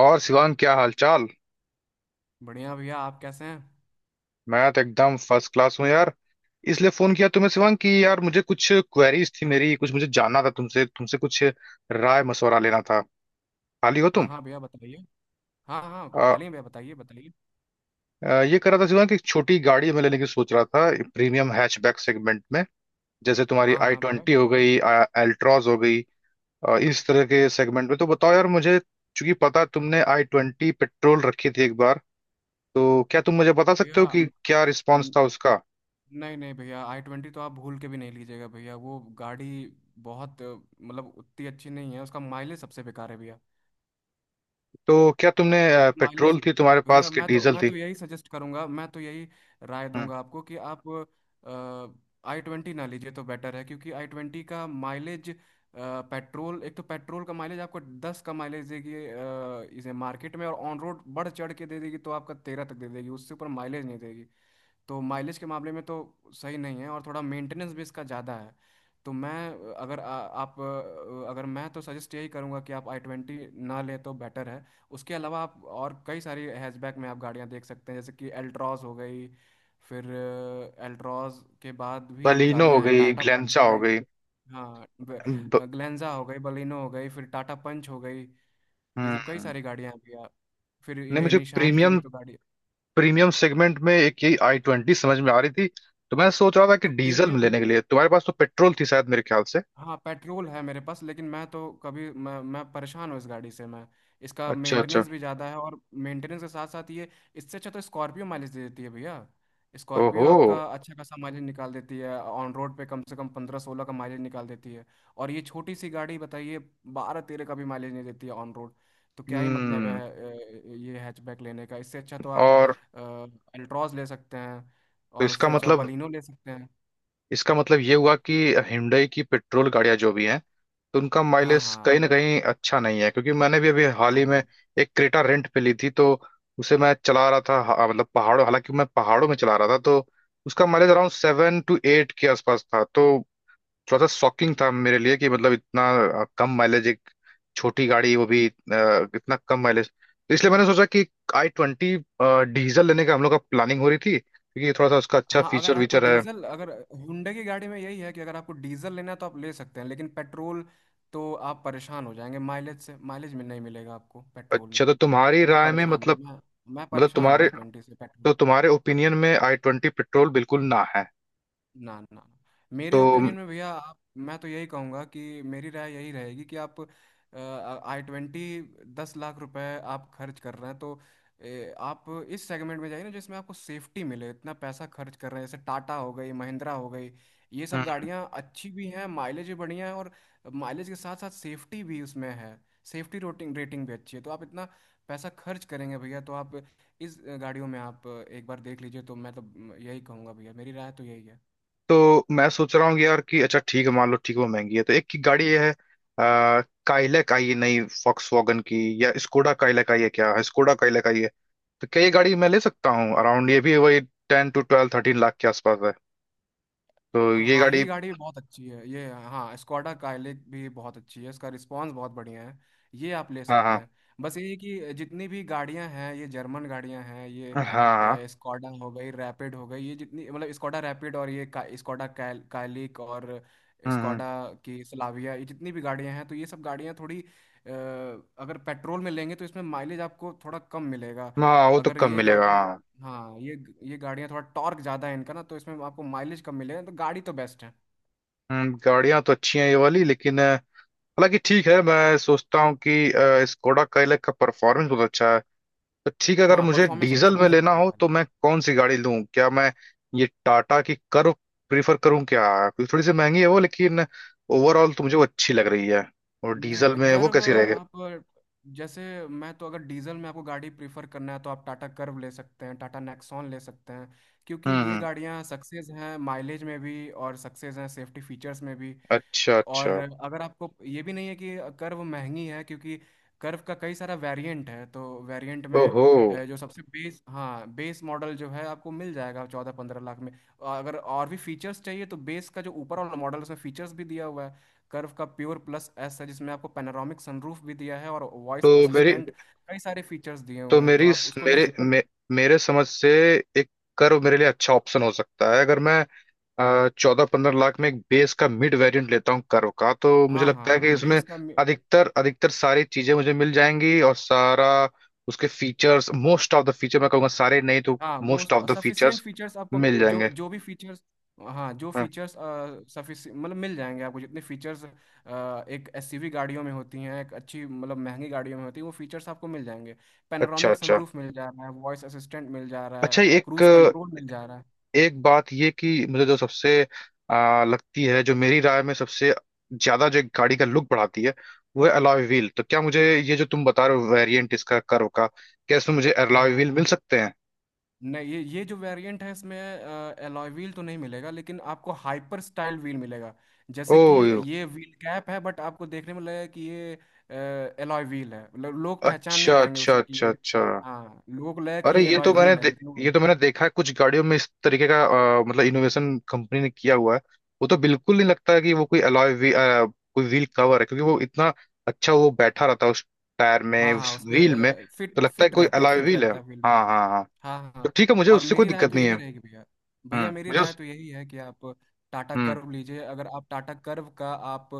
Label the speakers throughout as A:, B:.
A: और शिवांग, क्या हालचाल।
B: बढ़िया भैया। आप कैसे हैं?
A: मैं तो एकदम फर्स्ट क्लास हूँ यार। इसलिए फोन किया तुम्हें शिवांग कि यार मुझे कुछ क्वेरीज थी, मेरी कुछ मुझे जानना था तुमसे तुमसे कुछ राय मशवरा लेना था। खाली हो
B: हाँ
A: तुम?
B: हाँ भैया, बताइए। हाँ हाँ,
A: आ,
B: खाली हैं भैया, बताइए बताइए।
A: आ, ये कर रहा था शिवांग कि एक छोटी गाड़ी मैं लेने की सोच रहा था, प्रीमियम हैचबैक सेगमेंट में। जैसे तुम्हारी
B: हाँ
A: आई
B: हाँ भैया।
A: ट्वेंटी हो गई, एल्ट्रॉज हो गई। इस तरह के सेगमेंट में तो बताओ यार मुझे। चूंकि पता है तुमने आई ट्वेंटी पेट्रोल रखी थी एक बार, तो क्या तुम मुझे बता सकते हो
B: भैया
A: कि क्या रिस्पॉन्स
B: न-
A: था उसका?
B: नहीं नहीं भैया, आई ट्वेंटी तो आप भूल के भी नहीं लीजिएगा भैया, वो गाड़ी बहुत मतलब उतनी अच्छी नहीं है। उसका माइलेज सबसे बेकार है भैया।
A: तो क्या तुमने
B: माइलेज,
A: पेट्रोल थी तुम्हारे पास
B: भैया
A: कि
B: मैं तो
A: डीजल
B: मैं
A: थी?
B: तो यही सजेस्ट करूंगा, मैं तो यही राय
A: हम्म।
B: दूंगा आपको, कि आप आई ट्वेंटी ना लीजिए तो बेटर है, क्योंकि आई ट्वेंटी का माइलेज, पेट्रोल, एक तो पेट्रोल का माइलेज आपको 10 का माइलेज देगी इसे मार्केट में, और ऑन रोड बढ़ चढ़ के दे देगी तो आपका 13 तक दे देगी, उससे ऊपर माइलेज नहीं देगी। तो माइलेज के मामले में तो सही नहीं है, और थोड़ा मेंटेनेंस भी इसका ज़्यादा है। तो मैं अगर आप अगर, मैं तो सजेस्ट यही करूंगा कि आप आई ट्वेंटी ना लें तो बेटर है। उसके अलावा आप और कई सारी हैचबैक में आप गाड़ियां देख सकते हैं, जैसे कि एल्ट्रॉज हो गई, फिर एल्ट्रॉज के बाद भी
A: बलिनो हो
B: गाड़ियां हैं,
A: गई,
B: टाटा पंच
A: ग्लेंचा
B: हो
A: हो
B: गई।
A: गई।
B: हाँ
A: ब,
B: ग्लेंजा हो गई, बलिनो हो गई, फिर टाटा पंच हो गई। ये सब कई
A: हम्म।
B: सारी गाड़ियां हैं भैया। फिर
A: नहीं,
B: ये
A: मुझे
B: निशान की
A: प्रीमियम
B: भी तो गाड़ी।
A: प्रीमियम सेगमेंट में एक यही आई ट्वेंटी समझ में आ रही थी। तो मैं सोच रहा था कि
B: तो
A: डीजल में
B: प्रीमियम,
A: लेने के लिए, तुम्हारे पास तो पेट्रोल थी शायद मेरे ख्याल से।
B: हाँ पेट्रोल है मेरे पास, लेकिन मैं तो कभी, मैं परेशान हूँ इस गाड़ी से। मैं, इसका
A: अच्छा अच्छा।
B: मेंटेनेंस भी ज़्यादा है, और मेंटेनेंस के साथ साथ ये, इससे अच्छा तो स्कॉर्पियो माइलेज दे देती है भैया। स्कॉर्पियो
A: ओहो।
B: आपका अच्छा खासा माइलेज निकाल देती है, ऑन रोड पे कम से कम 15-16 का माइलेज निकाल देती है। और ये छोटी सी गाड़ी बताइए, 12-13 का भी माइलेज नहीं देती है ऑन रोड। तो क्या ही मतलब है
A: हम्म।
B: ये हैचबैक लेने का? इससे अच्छा तो आप
A: और
B: अल्ट्रॉज ले सकते हैं,
A: तो
B: और
A: इसका
B: उससे अच्छा
A: मतलब
B: बलिनो ले सकते हैं।
A: इसका मतलब ये हुआ कि हिंडई की पेट्रोल गाड़ियां जो भी हैं, तो उनका
B: हाँ
A: माइलेज
B: हाँ।
A: कहीं ना कहीं अच्छा नहीं है। क्योंकि मैंने भी अभी हाल
B: हाँ,
A: ही में एक क्रेटा रेंट पे ली थी, तो उसे मैं चला रहा था, मतलब पहाड़ों, हालांकि मैं पहाड़ों में चला रहा था, तो उसका माइलेज अराउंड 7 to 8 के आसपास था। तो थोड़ा सा शॉकिंग था मेरे लिए कि मतलब इतना कम माइलेज, एक छोटी गाड़ी वो भी इतना कम माइलेज। तो इसलिए मैंने सोचा कि आई ट्वेंटी डीजल लेने का हम लोग का प्लानिंग हो रही थी क्योंकि थोड़ा सा उसका अच्छा
B: हाँ अगर
A: फीचर
B: आपको
A: वीचर है।
B: डीजल, अगर हुंडई की गाड़ी में यही है कि अगर आपको डीजल लेना है तो आप ले सकते हैं, लेकिन पेट्रोल तो आप परेशान हो जाएंगे माइलेज से, माइलेज में नहीं मिलेगा आपको पेट्रोल
A: अच्छा,
B: में।
A: तो तुम्हारी
B: मैं
A: राय में
B: परेशान हूँ।
A: मतलब
B: मैं
A: मतलब
B: परेशान हूँ
A: तुम्हारे
B: आई ट्वेंटी से।
A: तो तुम्हारे ओपिनियन में आई ट्वेंटी पेट्रोल बिल्कुल ना है।
B: ना ना ना। मेरे
A: तो
B: ओपिनियन में भैया, आप, मैं तो यही कहूँगा कि मेरी राय यही रहेगी, कि आप आई ट्वेंटी, 10 लाख रुपए आप खर्च कर रहे हैं तो आप इस सेगमेंट में जाइए ना जिसमें आपको सेफ्टी मिले। इतना पैसा खर्च कर रहे हैं, जैसे टाटा हो गई, महिंद्रा हो गई। ये सब
A: हम्म।
B: गाड़ियाँ अच्छी भी हैं, माइलेज भी बढ़िया है, और माइलेज के साथ साथ सेफ्टी भी उसमें है। सेफ्टी रोटिंग रेटिंग भी अच्छी है। तो आप इतना पैसा खर्च करेंगे भैया, तो आप इस गाड़ियों में आप एक बार देख लीजिए। तो मैं तो यही कहूँगा भैया, मेरी राय तो यही है।
A: तो मैं सोच रहा हूँ कि यार कि अच्छा ठीक है, मान लो ठीक है वो महंगी है, तो एक की गाड़ी ये है। आ, काइलैक आई है नई फॉक्स वॉगन की, या स्कोडा काइलैक आई है क्या? हाँ, स्कोडा काइलैक आई है। तो क्या ये गाड़ी मैं ले सकता हूँ? अराउंड ये भी वही 10 to 12 13 लाख के आसपास है। तो ये
B: हाँ
A: गाड़ी।
B: ये गाड़ी भी बहुत अच्छी है। ये, हाँ, स्कॉडा काइलिक भी बहुत अच्छी है, इसका रिस्पांस बहुत बढ़िया है। ये आप ले
A: हाँ
B: सकते
A: हाँ।
B: हैं। बस ये है कि जितनी भी गाड़ियां हैं, ये जर्मन गाड़ियां हैं,
A: हाँ हाँ।
B: ये स्कॉडा हो गई, रैपिड हो गई, ये जितनी, मतलब स्कॉडा रैपिड, और ये स्कॉडा काइलिक और
A: हम्म।
B: स्कॉडा की स्लाविया, ये जितनी भी गाड़ियां हैं, तो ये सब गाड़ियां थोड़ी अगर पेट्रोल में लेंगे तो इसमें माइलेज आपको थोड़ा कम मिलेगा।
A: हाँ वो तो
B: अगर
A: कम
B: ये
A: मिलेगा,
B: गाड़ियां,
A: हाँ।
B: हाँ ये गाड़ियाँ थोड़ा टॉर्क ज़्यादा है इनका ना, तो इसमें आपको माइलेज कम मिलेगा। तो गाड़ी तो बेस्ट है।
A: गाड़ियाँ तो अच्छी हैं ये वाली, लेकिन हालांकि ठीक है। मैं सोचता हूँ कि स्कोडा काइलैक का परफॉर्मेंस बहुत अच्छा है। तो ठीक है, अगर
B: हाँ
A: मुझे
B: परफॉर्मेंस
A: डीजल
B: अच्छा है,
A: में लेना
B: स्कॉडा
A: हो तो
B: पहले।
A: मैं कौन सी गाड़ी लूं? क्या मैं ये टाटा की कर्व प्रीफर करूं क्या? क्योंकि थोड़ी सी महंगी है वो, लेकिन ओवरऑल तो मुझे वो अच्छी लग रही है। और डीजल
B: नहीं
A: में वो
B: कर्व,
A: कैसी रहेगी?
B: आप, जैसे, मैं तो अगर डीजल में आपको गाड़ी प्रीफर करना है तो आप टाटा कर्व ले सकते हैं, टाटा नेक्सॉन ले सकते हैं, क्योंकि ये
A: हम्म।
B: गाड़ियाँ सक्सेस हैं माइलेज में भी, और सक्सेस हैं सेफ्टी फीचर्स में भी।
A: अच्छा
B: और
A: अच्छा।
B: अगर आपको ये भी नहीं है कि कर्व महंगी है, क्योंकि कर्व का कई सारा वेरिएंट है, तो वेरिएंट में
A: ओहो।
B: जो सबसे बेस, हाँ बेस मॉडल जो है आपको मिल जाएगा 14-15 लाख में। और अगर और भी फीचर्स चाहिए तो बेस का जो ऊपर वाला मॉडल है, उसमें फीचर्स भी दिया हुआ है। कर्व का प्योर प्लस एस है, जिसमें आपको पैनोरामिक सनरूफ भी दिया है, और वॉइस
A: तो मेरी
B: असिस्टेंट, कई सारे फीचर्स दिए
A: तो
B: हुए हैं। तो
A: मेरी
B: आप उसको ले
A: मेरे
B: सक-
A: मे, मेरे समझ से एक कर्व मेरे लिए अच्छा ऑप्शन हो सकता है। अगर मैं 14 15 लाख में एक बेस का मिड वेरिएंट लेता हूँ कर्व का, तो मुझे
B: हाँ हाँ
A: लगता है कि
B: हाँ,
A: इसमें
B: बेस का।
A: अधिकतर अधिकतर सारी चीजें मुझे मिल जाएंगी। और सारा उसके features most of the feature मैं कहूँगा, सारे नहीं तो
B: हाँ
A: most
B: most
A: of the
B: sufficient
A: features
B: features आपको,
A: मिल
B: जो
A: जाएंगे।
B: जो भी फीचर्स, हाँ जो
A: हाँ।
B: फीचर्स, सफिशि मतलब मिल जाएंगे आपको। जितने फीचर्स एक एसयूवी गाड़ियों में होती हैं, एक अच्छी मतलब महंगी गाड़ियों में होती है, वो फीचर्स आपको मिल जाएंगे।
A: अच्छा
B: पैनोरामिक
A: अच्छा।
B: सनरूफ मिल जा रहा है, वॉइस असिस्टेंट मिल जा रहा है,
A: अच्छा, एक
B: क्रूज कंट्रोल मिल जा रहा है।
A: एक बात ये कि मुझे जो सबसे लगती है, जो मेरी राय में सबसे ज्यादा जो गाड़ी का लुक बढ़ाती है, वो है अलॉय व्हील। तो क्या मुझे, ये जो तुम बता रहे हो वेरिएंट इसका कर्व का, क्या इसमें मुझे
B: हाँ
A: अलॉय
B: हाँ।
A: व्हील मिल सकते हैं?
B: नहीं, ये जो वेरिएंट है इसमें एलॉय व्हील तो नहीं मिलेगा, लेकिन आपको हाइपर स्टाइल व्हील मिलेगा।
A: ओ।
B: जैसे कि ये व्हील कैप है, बट आपको देखने में लगेगा कि ये एलॉय व्हील है। लोग पहचान नहीं
A: अच्छा
B: पाएंगे
A: अच्छा
B: उसे कि
A: अच्छा
B: ये,
A: अच्छा।
B: हाँ लोग लगेगा कि
A: अरे
B: ये
A: ये तो
B: एलॉय
A: मैंने
B: व्हील है लेकिन वो-
A: ये तो मैंने देखा है कुछ गाड़ियों में इस तरीके का। मतलब इनोवेशन कंपनी ने किया हुआ है। वो तो बिल्कुल नहीं लगता है कि वो कोई अलॉय वी, अ, कोई व्हील कवर है, क्योंकि वो इतना अच्छा वो बैठा रहता है उस टायर में,
B: हाँ हाँ,
A: उस व्हील में।
B: उसमें
A: तो
B: फिट
A: लगता है
B: फिट
A: कोई
B: रहता है,
A: अलॉय
B: फिट
A: व्हील है।
B: रहता है व्हील।
A: हाँ हाँ हाँ।
B: हाँ हाँ
A: तो
B: हाँ।
A: ठीक है, मुझे
B: और
A: उससे कोई
B: मेरी राय
A: दिक्कत
B: तो
A: नहीं है।
B: यही रहेगी भैया।
A: हम्म,
B: भैया मेरी
A: मुझे
B: राय
A: उस।
B: तो यही है कि आप टाटा
A: हम्म।
B: कर्व लीजिए। अगर आप टाटा कर्व का आप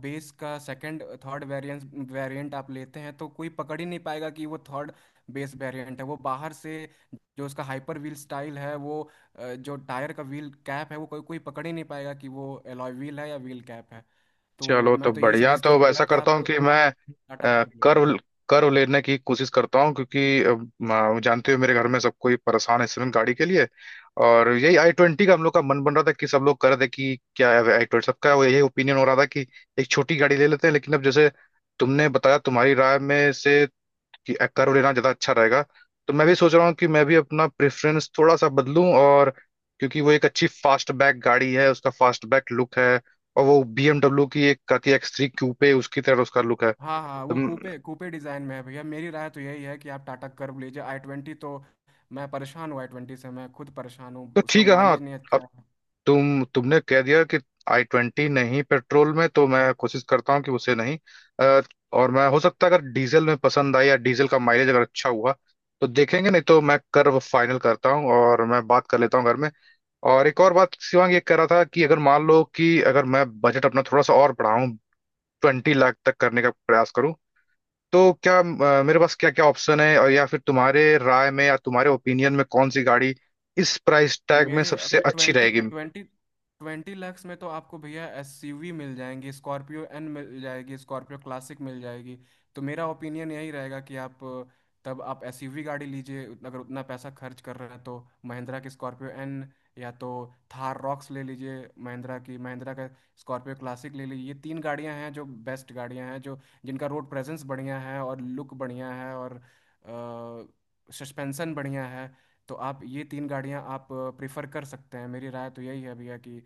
B: बेस का सेकंड थर्ड वेरिएंट, आप लेते हैं तो कोई पकड़ ही नहीं पाएगा कि वो थर्ड बेस वेरिएंट है। वो बाहर से, जो उसका हाइपर व्हील स्टाइल है, वो जो टायर का व्हील कैप है, वो कोई कोई पकड़ ही नहीं पाएगा कि वो एलॉय व्हील है या व्हील कैप है। तो
A: चलो तो
B: मैं तो यही
A: बढ़िया,
B: सजेस्ट
A: तो
B: करूंगा
A: ऐसा
B: कि
A: करता
B: आप,
A: हूँ कि मैं
B: आप टाटा कर्व ले लीजिए।
A: कर्व कर्व लेने की कोशिश करता हूँ। क्योंकि जानते हो, मेरे घर में सब कोई परेशान है इस समय गाड़ी के लिए। और यही आई ट्वेंटी का हम लोग का मन बन रहा था कि सब लोग कर दे कि क्या है आई ट्वेंटी, सबका वो यही ओपिनियन हो रहा था कि एक छोटी गाड़ी ले लेते हैं। लेकिन अब जैसे तुमने बताया, तुम्हारी राय में से कि एक्का रोल लेना ज़्यादा अच्छा रहेगा, तो मैं भी सोच रहा हूँ कि मैं भी अपना प्रेफरेंस थोड़ा सा बदलूं। और क्योंकि वो एक अच्छी फास्ट बैक गाड़ी है, उसका फास्ट बैक लुक है। और वो BMW की एक का की एक्स थ्री क्यूपे उसकी तरह उसका लुक है।
B: हाँ हाँ,
A: तो,
B: वो कूपे कूपे डिज़ाइन में है भैया, मेरी राय तो यही है कि आप टाटा कर्व लीजिए। आई ट्वेंटी तो, मैं परेशान हूँ आई ट्वेंटी से, मैं खुद परेशान हूँ,
A: तो
B: उसका
A: ठीक है, हाँ।
B: माइलेज नहीं अच्छा
A: अब
B: है।
A: तुमने कह दिया कि आई ट्वेंटी नहीं पेट्रोल में, तो मैं कोशिश करता हूँ कि उसे नहीं अ, और मैं, हो सकता है अगर डीजल में पसंद आई या डीजल का माइलेज अगर अच्छा हुआ, तो देखेंगे। नहीं तो मैं कर फाइनल करता हूँ और मैं बात कर लेता हूँ घर में। और एक और बात शिवांग, ये कह रहा था कि अगर मान लो कि अगर मैं बजट अपना थोड़ा सा और बढ़ाऊं, 20 लाख तक करने का प्रयास करूं, तो क्या मेरे पास क्या क्या ऑप्शन है? और या फिर तुम्हारे राय में या तुम्हारे ओपिनियन में कौन सी गाड़ी इस प्राइस टैग में
B: मेरे, अगर
A: सबसे अच्छी
B: ट्वेंटी
A: रहेगी?
B: ट्वेंटी 20 लैक्स में तो आपको भैया एसयूवी मिल जाएंगी, स्कॉर्पियो एन मिल जाएगी, स्कॉर्पियो क्लासिक मिल जाएगी। तो मेरा ओपिनियन यही रहेगा कि आप तब आप एसयूवी गाड़ी लीजिए। अगर उतना पैसा खर्च कर रहे हैं तो महिंद्रा की स्कॉर्पियो एन, या तो थार रॉक्स ले लीजिए महिंद्रा की, महिंद्रा का स्कॉर्पियो क्लासिक ले लीजिए। ये तीन गाड़ियां हैं जो बेस्ट गाड़ियां हैं, जो जिनका रोड प्रेजेंस बढ़िया है और लुक बढ़िया है और सस्पेंशन बढ़िया है। तो आप ये तीन गाड़ियां आप प्रेफर कर सकते हैं। मेरी राय तो यही है भैया कि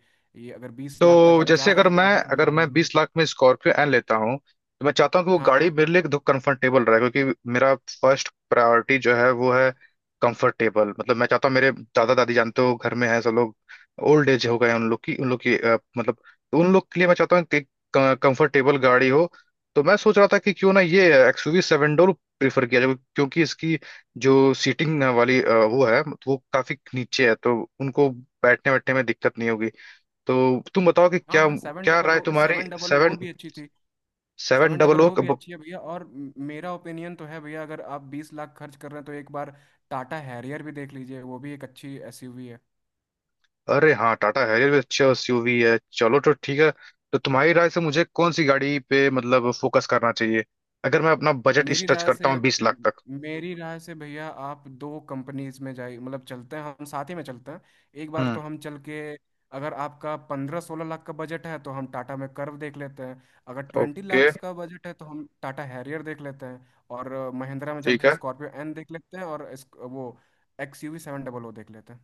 B: ये, अगर 20 लाख तक
A: तो
B: आप
A: जैसे
B: जा रहे
A: अगर
B: हैं तो
A: मैं
B: ये तीन
A: अगर मैं
B: गाड़ियां हैं।
A: 20 लाख में स्कॉर्पियो एन लेता हूँ, तो मैं चाहता हूँ कि वो
B: हाँ
A: गाड़ी
B: हाँ
A: मेरे लिए एकदम कंफर्टेबल रहे। क्योंकि मेरा फर्स्ट प्रायोरिटी जो है वो है कंफर्टेबल। मतलब मैं चाहता हूँ, मेरे दादा दादी जानते हो घर में है सब लोग, ओल्ड एज हो गए हैं। उन लोग की मतलब, तो उन लोग के लिए मैं चाहता हूँ कि कंफर्टेबल गाड़ी हो। तो मैं सोच रहा था कि क्यों ना ये एक्सयूवी सेवन डोर प्रीफर किया जाए, क्योंकि इसकी जो सीटिंग वाली वो है, वो काफी नीचे है, तो उनको बैठने बैठने में दिक्कत नहीं होगी। तो तुम बताओ कि
B: हाँ
A: क्या,
B: हाँ सेवन
A: क्या
B: डबल
A: राय
B: ओ
A: तुम्हारी?
B: 700
A: सेवन
B: भी अच्छी थी।
A: Seven
B: seven
A: double
B: double
A: O.
B: O भी अच्छी है भैया, और मेरा ओपिनियन तो है भैया, अगर आप 20 लाख खर्च कर रहे हैं तो एक बार टाटा हैरियर भी देख लीजिए, वो भी एक अच्छी एसयूवी है।
A: अरे हाँ, टाटा हैरियर भी अच्छा एसयूवी है। चलो तो ठीक है, तो तुम्हारी राय से मुझे कौन सी गाड़ी पे मतलब फोकस करना चाहिए अगर मैं अपना बजट इस
B: मेरी
A: टच
B: राय
A: करता
B: से,
A: हूँ 20 लाख तक?
B: मेरी राय से भैया, आप दो कंपनीज में जाइए, मतलब चलते हैं, हम साथ ही में चलते हैं एक बार,
A: हम्म।
B: तो हम चल के, अगर आपका 15-16 लाख का बजट है तो हम टाटा में कर्व देख लेते हैं। अगर ट्वेंटी
A: ओके।
B: लाख का बजट है तो हम टाटा हैरियर देख लेते हैं, और महिंद्रा में चल
A: ठीक
B: के
A: है।
B: स्कॉर्पियो एन देख लेते हैं, और वो XUV 700 देख लेते हैं।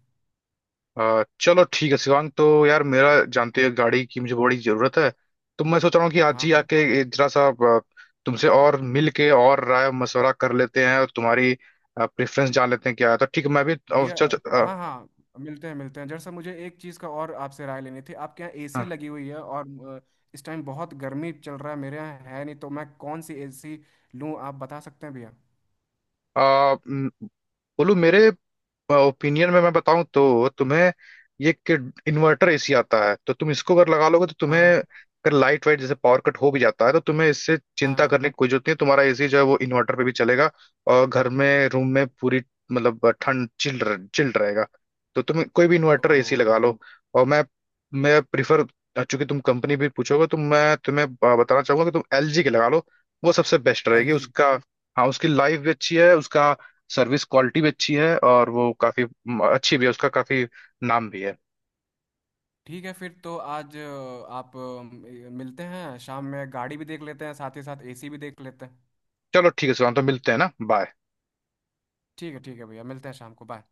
A: चलो ठीक है शिवांग, तो यार मेरा जानते हो गाड़ी की मुझे बड़ी जरूरत है। तो मैं सोच रहा हूँ कि आज
B: हाँ
A: ही
B: हाँ
A: आके ये जरा सा तुमसे और मिल के और राय मशवरा कर लेते हैं और तुम्हारी प्रेफरेंस जान लेते हैं क्या है। तो ठीक है, मैं भी
B: भैया।
A: चल चल।
B: हाँ हाँ, मिलते हैं मिलते हैं। जरा सा मुझे एक चीज़ का और आपसे राय लेनी थी। आपके यहाँ एसी
A: हाँ।
B: लगी हुई है, और इस टाइम बहुत गर्मी चल रहा है, मेरे यहाँ है नहीं, तो मैं कौन सी एसी लूँ, आप बता सकते हैं भैया?
A: आ, म, बोलू, मेरे ओपिनियन में मैं बताऊं तो तुम्हें, ये कि इन्वर्टर एसी आता है, तो तुम इसको अगर लगा लोगे तो तुम्हें,
B: हाँ।
A: अगर लाइट वाइट जैसे पावर कट हो भी जाता है तो तुम्हें इससे
B: हाँ हाँ
A: चिंता
B: हाँ।
A: करने की कोई जरूरत नहीं है। तुम्हारा एसी जो है वो इन्वर्टर पे भी चलेगा, और घर में रूम में पूरी मतलब ठंड चिल चिल रहेगा। तो तुम कोई भी इन्वर्टर
B: ओ।
A: एसी लगा लो। और मैं प्रिफर, चूंकि तुम कंपनी भी पूछोगे, तो मैं तुम्हें बताना चाहूंगा कि तुम एलजी के लगा लो। वो सबसे बेस्ट
B: एल
A: रहेगी
B: जी
A: उसका। हाँ, उसकी लाइफ भी अच्छी है, उसका सर्विस क्वालिटी भी अच्छी है, और वो काफी अच्छी भी है, उसका काफी नाम भी है।
B: ठीक है, फिर तो आज आप मिलते हैं शाम में, गाड़ी भी देख लेते हैं साथ ही साथ, एसी भी देख लेते हैं।
A: चलो ठीक है सुशांत, तो मिलते हैं ना, बाय।
B: ठीक है भैया, मिलते हैं शाम को, बाय।